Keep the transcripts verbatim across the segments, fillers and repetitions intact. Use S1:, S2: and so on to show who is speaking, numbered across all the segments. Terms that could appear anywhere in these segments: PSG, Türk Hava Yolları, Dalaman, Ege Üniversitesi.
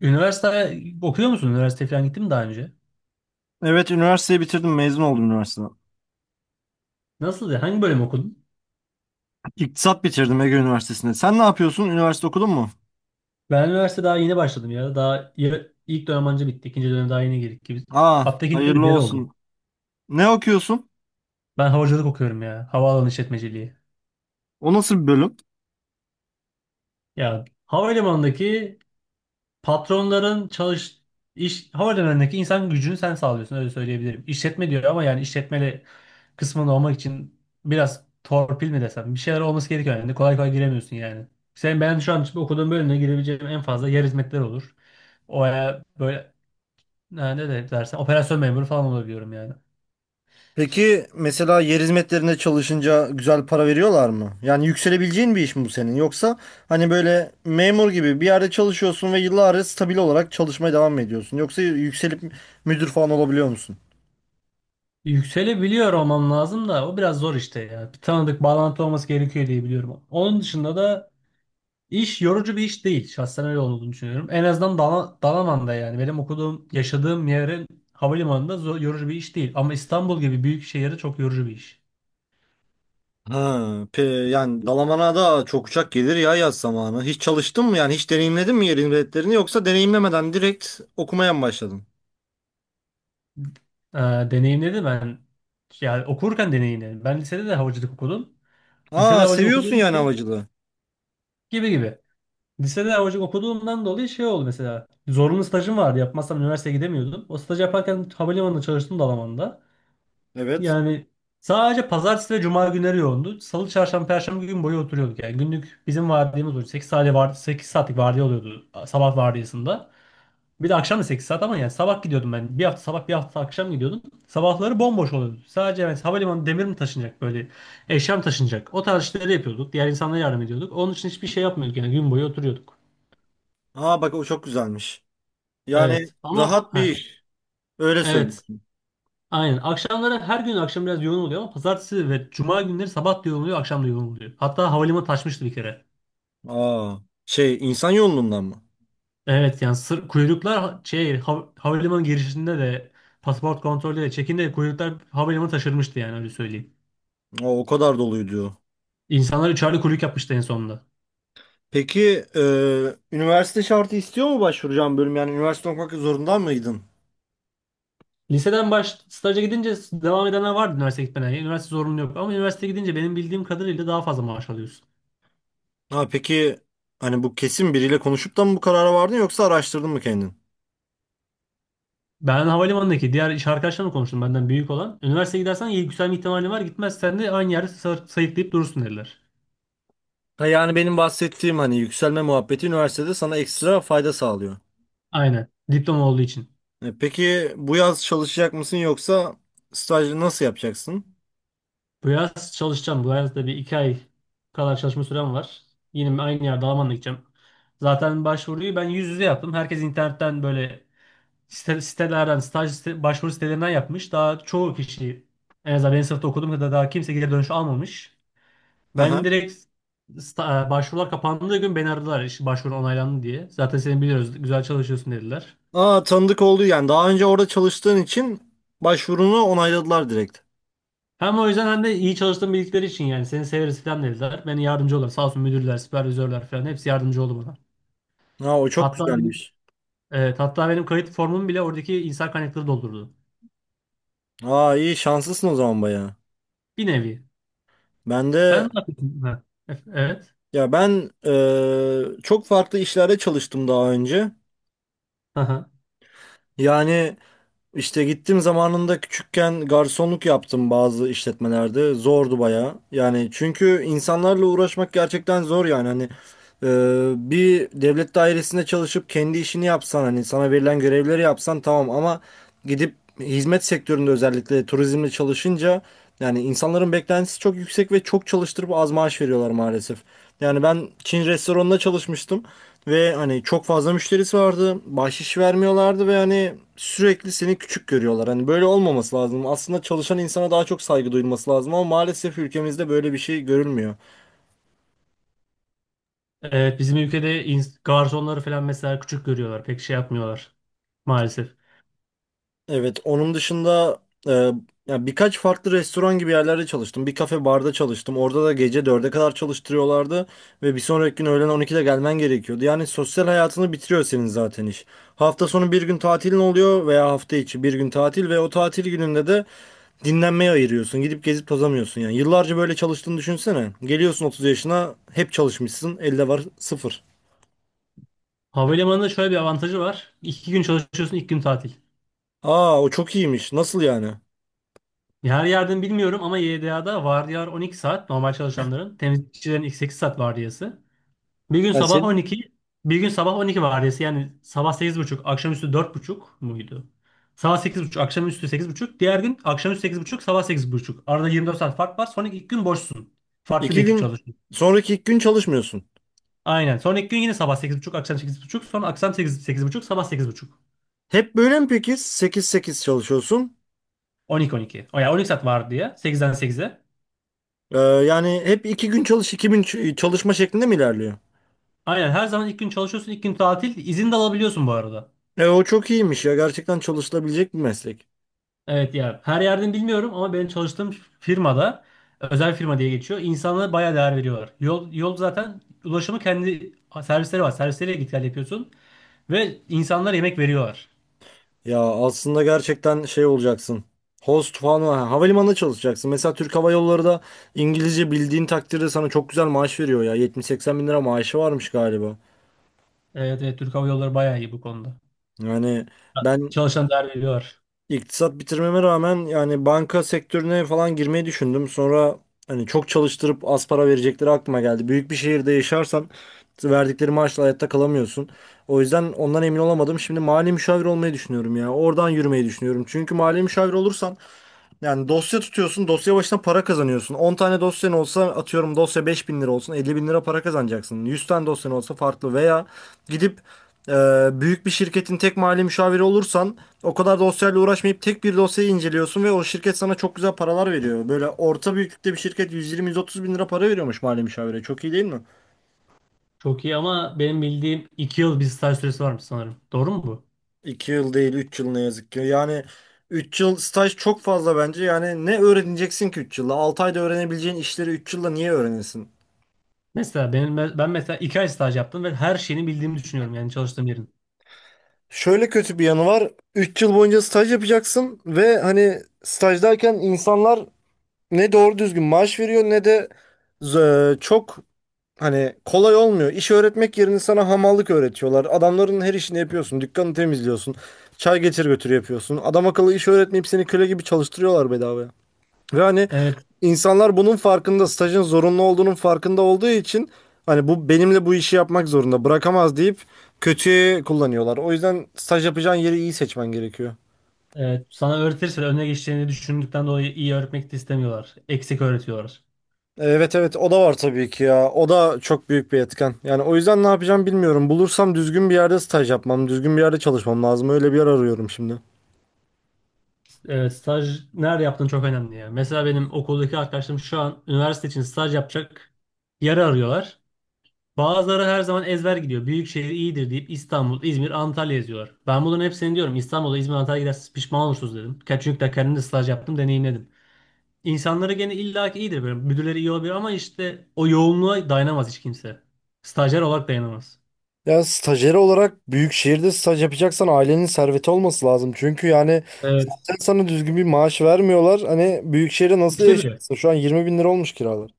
S1: Üniversite okuyor musun? Üniversite falan gittin mi daha önce?
S2: Evet üniversiteyi bitirdim mezun oldum üniversiteden.
S1: Nasıldı? Hangi bölüm okudun?
S2: İktisat bitirdim Ege Üniversitesi'nde. Sen ne yapıyorsun? Üniversite okudun mu?
S1: Ben üniversite daha yeni başladım ya. Daha ya- ilk dönem anca bitti. İkinci dönem daha yeni girdik gibi.
S2: Aa
S1: Hatta ikinci dönem bir
S2: hayırlı
S1: deri oldu.
S2: olsun. Ne okuyorsun?
S1: Ben havacılık okuyorum ya. Havaalanı işletmeciliği.
S2: O nasıl bir bölüm?
S1: Ya havalimanındaki patronların çalış iş havalimanındaki insan gücünü sen sağlıyorsun, öyle söyleyebilirim. İşletme diyor ama yani işletmeli kısmında olmak için biraz torpil mi desem, bir şeyler olması gerekiyor yani kolay kolay giremiyorsun yani. Sen ben şu an okuduğum bölümde girebileceğim en fazla yer hizmetleri olur. O, e, böyle e, ne de dersen operasyon memuru falan olabiliyorum yani.
S2: Peki mesela yer hizmetlerinde çalışınca güzel para veriyorlar mı? Yani yükselebileceğin bir iş mi bu senin? Yoksa hani böyle memur gibi bir yerde çalışıyorsun ve yıllarca stabil olarak çalışmaya devam mı ediyorsun? Yoksa yükselip müdür falan olabiliyor musun?
S1: Yükselebiliyor olmam lazım da o biraz zor işte ya. Bir tanıdık bağlantı olması gerekiyor diye biliyorum. Onun dışında da İş yorucu bir iş değil. Şahsen öyle olduğunu düşünüyorum. En azından Dala- Dalaman'da yani. Benim okuduğum, yaşadığım yerin havalimanında zo- yorucu bir iş değil. Ama İstanbul gibi büyük şehirde çok yorucu bir iş.
S2: Ha, pe, yani Dalaman'a da çok uçak gelir ya yaz zamanı. Hiç çalıştın mı yani hiç deneyimledin mi yerin biletlerini yoksa deneyimlemeden direkt okumaya mı başladın?
S1: Ee, deneyimledim ben. Yani okurken deneyimledim. Ben lisede de havacılık okudum. Lisede
S2: Aa
S1: havacılık
S2: seviyorsun
S1: okuduğum
S2: yani
S1: için
S2: havacılığı.
S1: gibi gibi. Lisede havacılık okuduğumdan dolayı şey oldu mesela. Zorunlu stajım vardı. Yapmazsam üniversiteye gidemiyordum. O stajı yaparken havalimanında çalıştım Dalaman'da.
S2: Evet.
S1: Yani sadece pazartesi ve cuma günleri yoğundu. Salı, çarşamba, perşembe gün boyu oturuyorduk. Yani günlük bizim vardiyamız oluyor. Sekiz saat vardı, sekiz saatlik vardiya oluyordu sabah vardiyasında. Bir de akşam da sekiz saat, ama yani sabah gidiyordum ben. Bir hafta sabah, bir hafta akşam gidiyordum. Sabahları bomboş oluyordu. Sadece yani havalimanı demir mi taşınacak, böyle eşya mı taşınacak. O tarz işleri yapıyorduk. Diğer insanlara yardım ediyorduk. Onun için hiçbir şey yapmıyorduk, yani gün boyu oturuyorduk.
S2: Aa bak o çok güzelmiş. Yani
S1: Evet ama
S2: rahat bir
S1: he,
S2: iş. Öyle
S1: evet.
S2: söylüyorsun.
S1: Aynen. Akşamları her gün akşam biraz yoğun oluyor, ama pazartesi ve cuma günleri sabah da yoğun oluyor, akşam da yoğun oluyor. Hatta havalimanı taşmıştı bir kere.
S2: Aa şey insan yolundan mı?
S1: Evet, yani sır, kuyruklar ha- şey hav- havalimanı girişinde de pasaport kontrolü de çekinde de kuyruklar havalimanı taşırmıştı, yani öyle söyleyeyim.
S2: O, o kadar doluydu.
S1: İnsanlar üçerli kuyruk yapmıştı en sonunda.
S2: Peki e, üniversite şartı istiyor mu başvuracağım bölüm? Yani üniversite okumak zorunda mıydın?
S1: Liseden baş staja gidince devam edenler vardı üniversite gitmeden. Yani üniversite zorunlu yok, ama üniversite gidince benim bildiğim kadarıyla daha fazla maaş alıyorsun.
S2: Ha peki hani bu kesin biriyle konuşup da mı bu karara vardın yoksa araştırdın mı kendin?
S1: Ben havalimanındaki diğer iş arkadaşlarımla konuştum benden büyük olan. Üniversiteye gidersen iyi yükselme ihtimalin var. Gitmezsen de aynı yerde sa- sayıklayıp durursun, dediler.
S2: Ha yani benim bahsettiğim hani yükselme muhabbeti üniversitede sana ekstra fayda sağlıyor.
S1: Aynen. Diploma olduğu için.
S2: E, peki bu yaz çalışacak mısın yoksa stajı nasıl yapacaksın?
S1: Bu yaz çalışacağım. Bu yaz da bir iki ay kadar çalışma sürem var. Yine aynı yerde Almanya'ya gideceğim. Zaten başvuruyu ben yüz yüze yaptım. Herkes internetten böyle site- sitelerden, staj site- başvuru sitelerinden yapmış. Daha çoğu kişi, en azından benim sınıfta okuduğum kadar, daha kimse geri dönüş almamış. Benim
S2: Aha.
S1: direkt sta- e, başvurular kapandığı gün beni aradılar, iş başvurun onaylandı diye. Zaten seni biliyoruz, güzel çalışıyorsun, dediler.
S2: Aa tanıdık oldu yani daha önce orada çalıştığın için başvurunu onayladılar direkt.
S1: Hem o yüzden hem de iyi çalıştığım bildikleri için yani seni severiz falan dediler. Beni yardımcı oldular. Sağ olsun müdürler, süpervizörler falan hepsi yardımcı oldu bana.
S2: Ha o çok
S1: Hatta benim,
S2: güzelmiş.
S1: evet, hatta benim kayıt formumu bile oradaki insan kaynakları doldurdu.
S2: Aa iyi şanslısın o zaman bayağı.
S1: Bir nevi.
S2: Ben
S1: Sen
S2: de
S1: ne yapıyorsun? Ha, e- evet.
S2: ya ben e, çok farklı işlerde çalıştım daha önce.
S1: Aha.
S2: Yani İşte gittim zamanında küçükken garsonluk yaptım bazı işletmelerde. Zordu bayağı. Yani çünkü insanlarla uğraşmak gerçekten zor yani. Hani e, bir devlet dairesinde çalışıp kendi işini yapsan hani sana verilen görevleri yapsan tamam ama gidip hizmet sektöründe özellikle turizmle çalışınca yani insanların beklentisi çok yüksek ve çok çalıştırıp az maaş veriyorlar maalesef. Yani ben Çin restoranında çalışmıştım. Ve hani çok fazla müşterisi vardı. Bahşiş vermiyorlardı ve hani sürekli seni küçük görüyorlar. Hani böyle olmaması lazım. Aslında çalışan insana daha çok saygı duyulması lazım ama maalesef ülkemizde böyle bir şey görülmüyor.
S1: Evet, bizim ülkede ins- garsonları falan mesela küçük görüyorlar. Pek şey yapmıyorlar maalesef.
S2: Evet, onun dışında e, ya birkaç farklı restoran gibi yerlerde çalıştım. Bir kafe barda çalıştım. Orada da gece dörde kadar çalıştırıyorlardı ve bir sonraki gün öğlen on ikide gelmen gerekiyordu. Yani sosyal hayatını bitiriyor senin zaten iş. Hafta sonu bir gün tatilin oluyor veya hafta içi bir gün tatil ve o tatil gününde de dinlenmeye ayırıyorsun. Gidip gezip tozamıyorsun yani. Yıllarca böyle çalıştığını düşünsene. Geliyorsun otuz yaşına hep çalışmışsın. Elde var sıfır.
S1: Havalimanında şöyle bir avantajı var. İki gün çalışıyorsun, iki gün tatil.
S2: Aa o çok iyiymiş. Nasıl yani?
S1: Her yerden bilmiyorum ama Y D A'da vardiyalar on iki saat normal çalışanların. Temizlikçilerin ilk sekiz saat vardiyası. Bir gün sabah on iki, bir gün sabah on iki vardiyası. Yani sabah sekiz buçuk, akşamüstü dört buçuk muydu? Sabah sekiz buçuk, akşamüstü sekiz buçuk. Diğer gün akşamüstü sekiz buçuk, sabah sekiz buçuk. Arada yirmi dört saat fark var. Sonra ilk gün boşsun. Farklı bir
S2: İki
S1: ekip
S2: gün
S1: çalışıyor.
S2: sonraki iki gün çalışmıyorsun.
S1: Aynen. Sonra ilk gün yine sabah sekiz buçuk, akşam sekiz buçuk. Sonra akşam sekiz sekiz buçuk, sabah sekiz buçuk.
S2: Hep böyle mi peki? Sekiz sekiz çalışıyorsun.
S1: On iki on iki. O yani on iki saat vardiya. Sekizden sekize.
S2: Ee, yani hep iki gün çalış iki gün ç- çalışma şeklinde mi ilerliyor?
S1: Aynen, her zaman ilk gün çalışıyorsun, ilk gün tatil. İzin de alabiliyorsun bu arada.
S2: E, o çok iyiymiş ya. Gerçekten çalışılabilecek bir meslek.
S1: Evet ya, her yerden bilmiyorum ama benim çalıştığım firmada özel firma diye geçiyor. İnsanlara bayağı değer veriyorlar. Yol, yol zaten ulaşımı kendi servisleri var. Servisleriyle git gel yapıyorsun ve insanlara yemek veriyorlar.
S2: Ya aslında gerçekten şey olacaksın. Host falan ha, havalimanında çalışacaksın. Mesela Türk Hava Yolları da İngilizce bildiğin takdirde sana çok güzel maaş veriyor ya. yetmiş seksen bin lira maaşı varmış galiba.
S1: Evet, evet, Türk Hava Yolları bayağı iyi bu konuda.
S2: Yani ben
S1: Çalışan değer veriyorlar.
S2: iktisat bitirmeme rağmen yani banka sektörüne falan girmeyi düşündüm. Sonra hani çok çalıştırıp az para verecekleri aklıma geldi. Büyük bir şehirde yaşarsan verdikleri maaşla hayatta kalamıyorsun. O yüzden ondan emin olamadım. Şimdi mali müşavir olmayı düşünüyorum ya. Oradan yürümeyi düşünüyorum. Çünkü mali müşavir olursan yani dosya tutuyorsun, dosya başına para kazanıyorsun. On tane dosyan olsa atıyorum dosya beş bin lira olsun, elli bin lira para kazanacaksın. Yüz tane dosyan olsa farklı veya gidip e, büyük bir şirketin tek mali müşaviri olursan o kadar dosyayla uğraşmayıp tek bir dosyayı inceliyorsun ve o şirket sana çok güzel paralar veriyor. Böyle orta büyüklükte bir şirket yüz yirmi yüz otuz bin lira para veriyormuş mali müşavire. Çok iyi değil mi?
S1: Çok iyi ama benim bildiğim iki yıl bir staj süresi varmış sanırım. Doğru mu bu?
S2: iki yıl değil üç yıl ne yazık ki. Yani üç yıl staj çok fazla bence. Yani ne öğreneceksin ki üç yılda? altı ayda öğrenebileceğin işleri üç yılda niye öğrenesin?
S1: Mesela benim, ben mesela iki ay staj yaptım ve her şeyini bildiğimi düşünüyorum yani çalıştığım yerin.
S2: Şöyle kötü bir yanı var. Üç yıl boyunca staj yapacaksın ve hani stajdayken insanlar ne doğru düzgün maaş veriyor ne de z- çok hani kolay olmuyor. İş öğretmek yerine sana hamallık öğretiyorlar. Adamların her işini yapıyorsun. Dükkanı temizliyorsun. Çay getir götür yapıyorsun. Adam akıllı iş öğretmeyip seni köle gibi çalıştırıyorlar bedavaya. Ve hani
S1: Evet,
S2: insanlar bunun farkında, stajın zorunlu olduğunun farkında olduğu için hani bu benimle bu işi yapmak zorunda bırakamaz deyip kötüye kullanıyorlar. O yüzden staj yapacağın yeri iyi seçmen gerekiyor.
S1: evet. Sana öğretirse de önüne geçeceğini düşündükten dolayı iyi öğretmek de istemiyorlar. Eksik öğretiyorlar.
S2: Evet evet o da var tabii ki ya. O da çok büyük bir etken. Yani o yüzden ne yapacağım bilmiyorum. Bulursam düzgün bir yerde staj yapmam, düzgün bir yerde çalışmam lazım. Öyle bir yer arıyorum şimdi.
S1: Evet, staj nerede yaptığın çok önemli ya. Mesela benim okuldaki arkadaşlarım şu an üniversite için staj yapacak yer arıyorlar. Bazıları her zaman ezber gidiyor. Büyük şehir iyidir deyip İstanbul, İzmir, Antalya yazıyorlar. Ben bunların hepsini diyorum, İstanbul'a, İzmir, Antalya'ya giderseniz pişman olursunuz, dedim. Ka- Çünkü de kendim de staj yaptım, deneyimledim. İnsanları gene illaki iyidir böyle. Müdürleri iyi olabilir ama işte o yoğunluğa dayanamaz hiç kimse. Stajyer olarak dayanamaz.
S2: Ya stajyer olarak büyük şehirde staj yapacaksan ailenin serveti olması lazım. Çünkü yani
S1: Evet.
S2: sen sana düzgün bir maaş vermiyorlar. Hani büyük şehirde nasıl
S1: Üçte biri.
S2: yaşarsın? Şu an yirmi bin lira olmuş kiralar.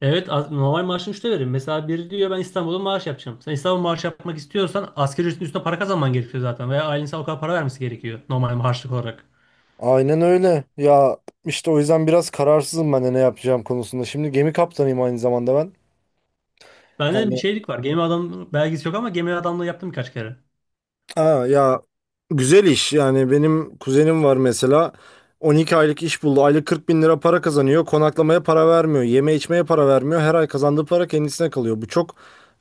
S1: Evet az- normal maaşın üçte verir. Mesela biri diyor ben İstanbul'da maaş yapacağım. Sen İstanbul maaş yapmak istiyorsan asgari ücretin üstüne para kazanman gerekiyor zaten. Veya ailen sana o kadar para vermesi gerekiyor normal maaşlık olarak.
S2: Aynen öyle. Ya işte o yüzden biraz kararsızım ben de ne yapacağım konusunda. Şimdi gemi kaptanıyım aynı zamanda ben.
S1: Bende de bir
S2: Yani
S1: şeylik var. Gemi adam belgesi yok ama gemi adamlığı yaptım birkaç kere.
S2: aa, ya güzel iş yani benim kuzenim var mesela on iki aylık iş buldu aylık kırk bin lira para kazanıyor konaklamaya para vermiyor yeme içmeye para vermiyor her ay kazandığı para kendisine kalıyor bu çok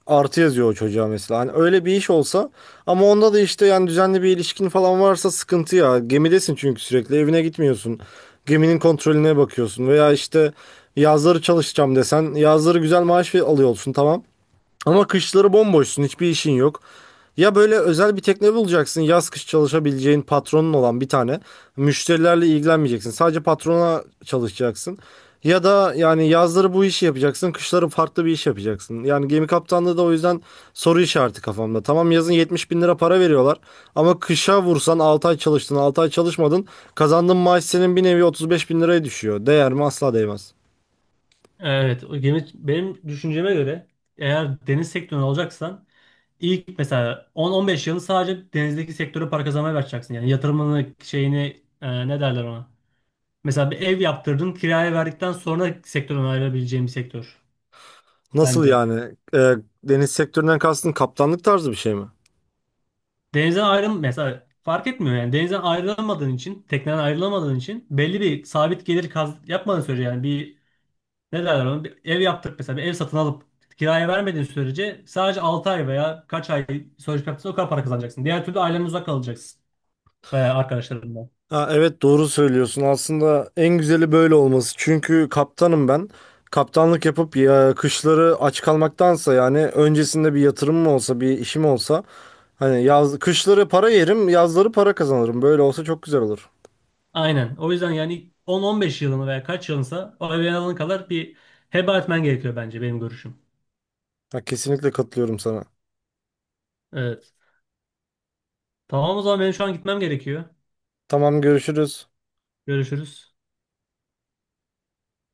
S2: artı yazıyor o çocuğa mesela hani öyle bir iş olsa ama onda da işte yani düzenli bir ilişkin falan varsa sıkıntı ya gemidesin çünkü sürekli evine gitmiyorsun geminin kontrolüne bakıyorsun veya işte yazları çalışacağım desen yazları güzel maaş alıyorsun tamam ama kışları bomboşsun, hiçbir işin yok. Ya böyle özel bir tekne bulacaksın, yaz kış çalışabileceğin patronun olan bir tane. Müşterilerle ilgilenmeyeceksin. Sadece patrona çalışacaksın. Ya da yani yazları bu işi yapacaksın, kışları farklı bir iş yapacaksın. Yani gemi kaptanlığı da o yüzden soru işareti kafamda. Tamam yazın yetmiş bin lira para veriyorlar ama kışa vursan altı ay çalıştın, altı ay çalışmadın. Kazandığın maaş senin bir nevi otuz beş bin liraya düşüyor. Değer mi? Asla değmez.
S1: Evet, o gemi benim düşünceme göre, eğer deniz sektörünü alacaksan ilk mesela on on beş yılını sadece denizdeki sektöre para kazanmaya başlayacaksın. Yani yatırımını şeyini, e, ne derler ona. Mesela bir ev yaptırdın, kiraya verdikten sonra sektörden ayrılabileceğin bir sektör
S2: Nasıl
S1: bence.
S2: yani? Ee, Deniz sektöründen kastın kaptanlık tarzı bir şey mi?
S1: Denizden ayrıl mesela, fark etmiyor yani denizden ayrılamadığın için, tekneden ayrılamadığın için belli bir sabit gelir kaz yapmadığın sürece, yani bir ne derler onu, bir ev yaptık mesela, bir ev satın alıp kiraya vermediğin sürece sadece altı ay veya kaç ay sözleşme yaptıysan o kadar para kazanacaksın. Diğer türlü ailenden uzak kalacaksın veya arkadaşlarından.
S2: Ha, evet doğru söylüyorsun. Aslında en güzeli böyle olması. Çünkü kaptanım ben. Kaptanlık yapıp ya, kışları aç kalmaktansa yani öncesinde bir yatırımım olsa, bir işim olsa hani yaz kışları para yerim, yazları para kazanırım. Böyle olsa çok güzel olur.
S1: Aynen. O yüzden yani on on beş yılını veya kaç yılınsa o evin alana kadar bir heba etmen gerekiyor bence, benim görüşüm.
S2: Ha, kesinlikle katılıyorum sana.
S1: Evet. Tamam, o zaman benim şu an gitmem gerekiyor.
S2: Tamam görüşürüz.
S1: Görüşürüz.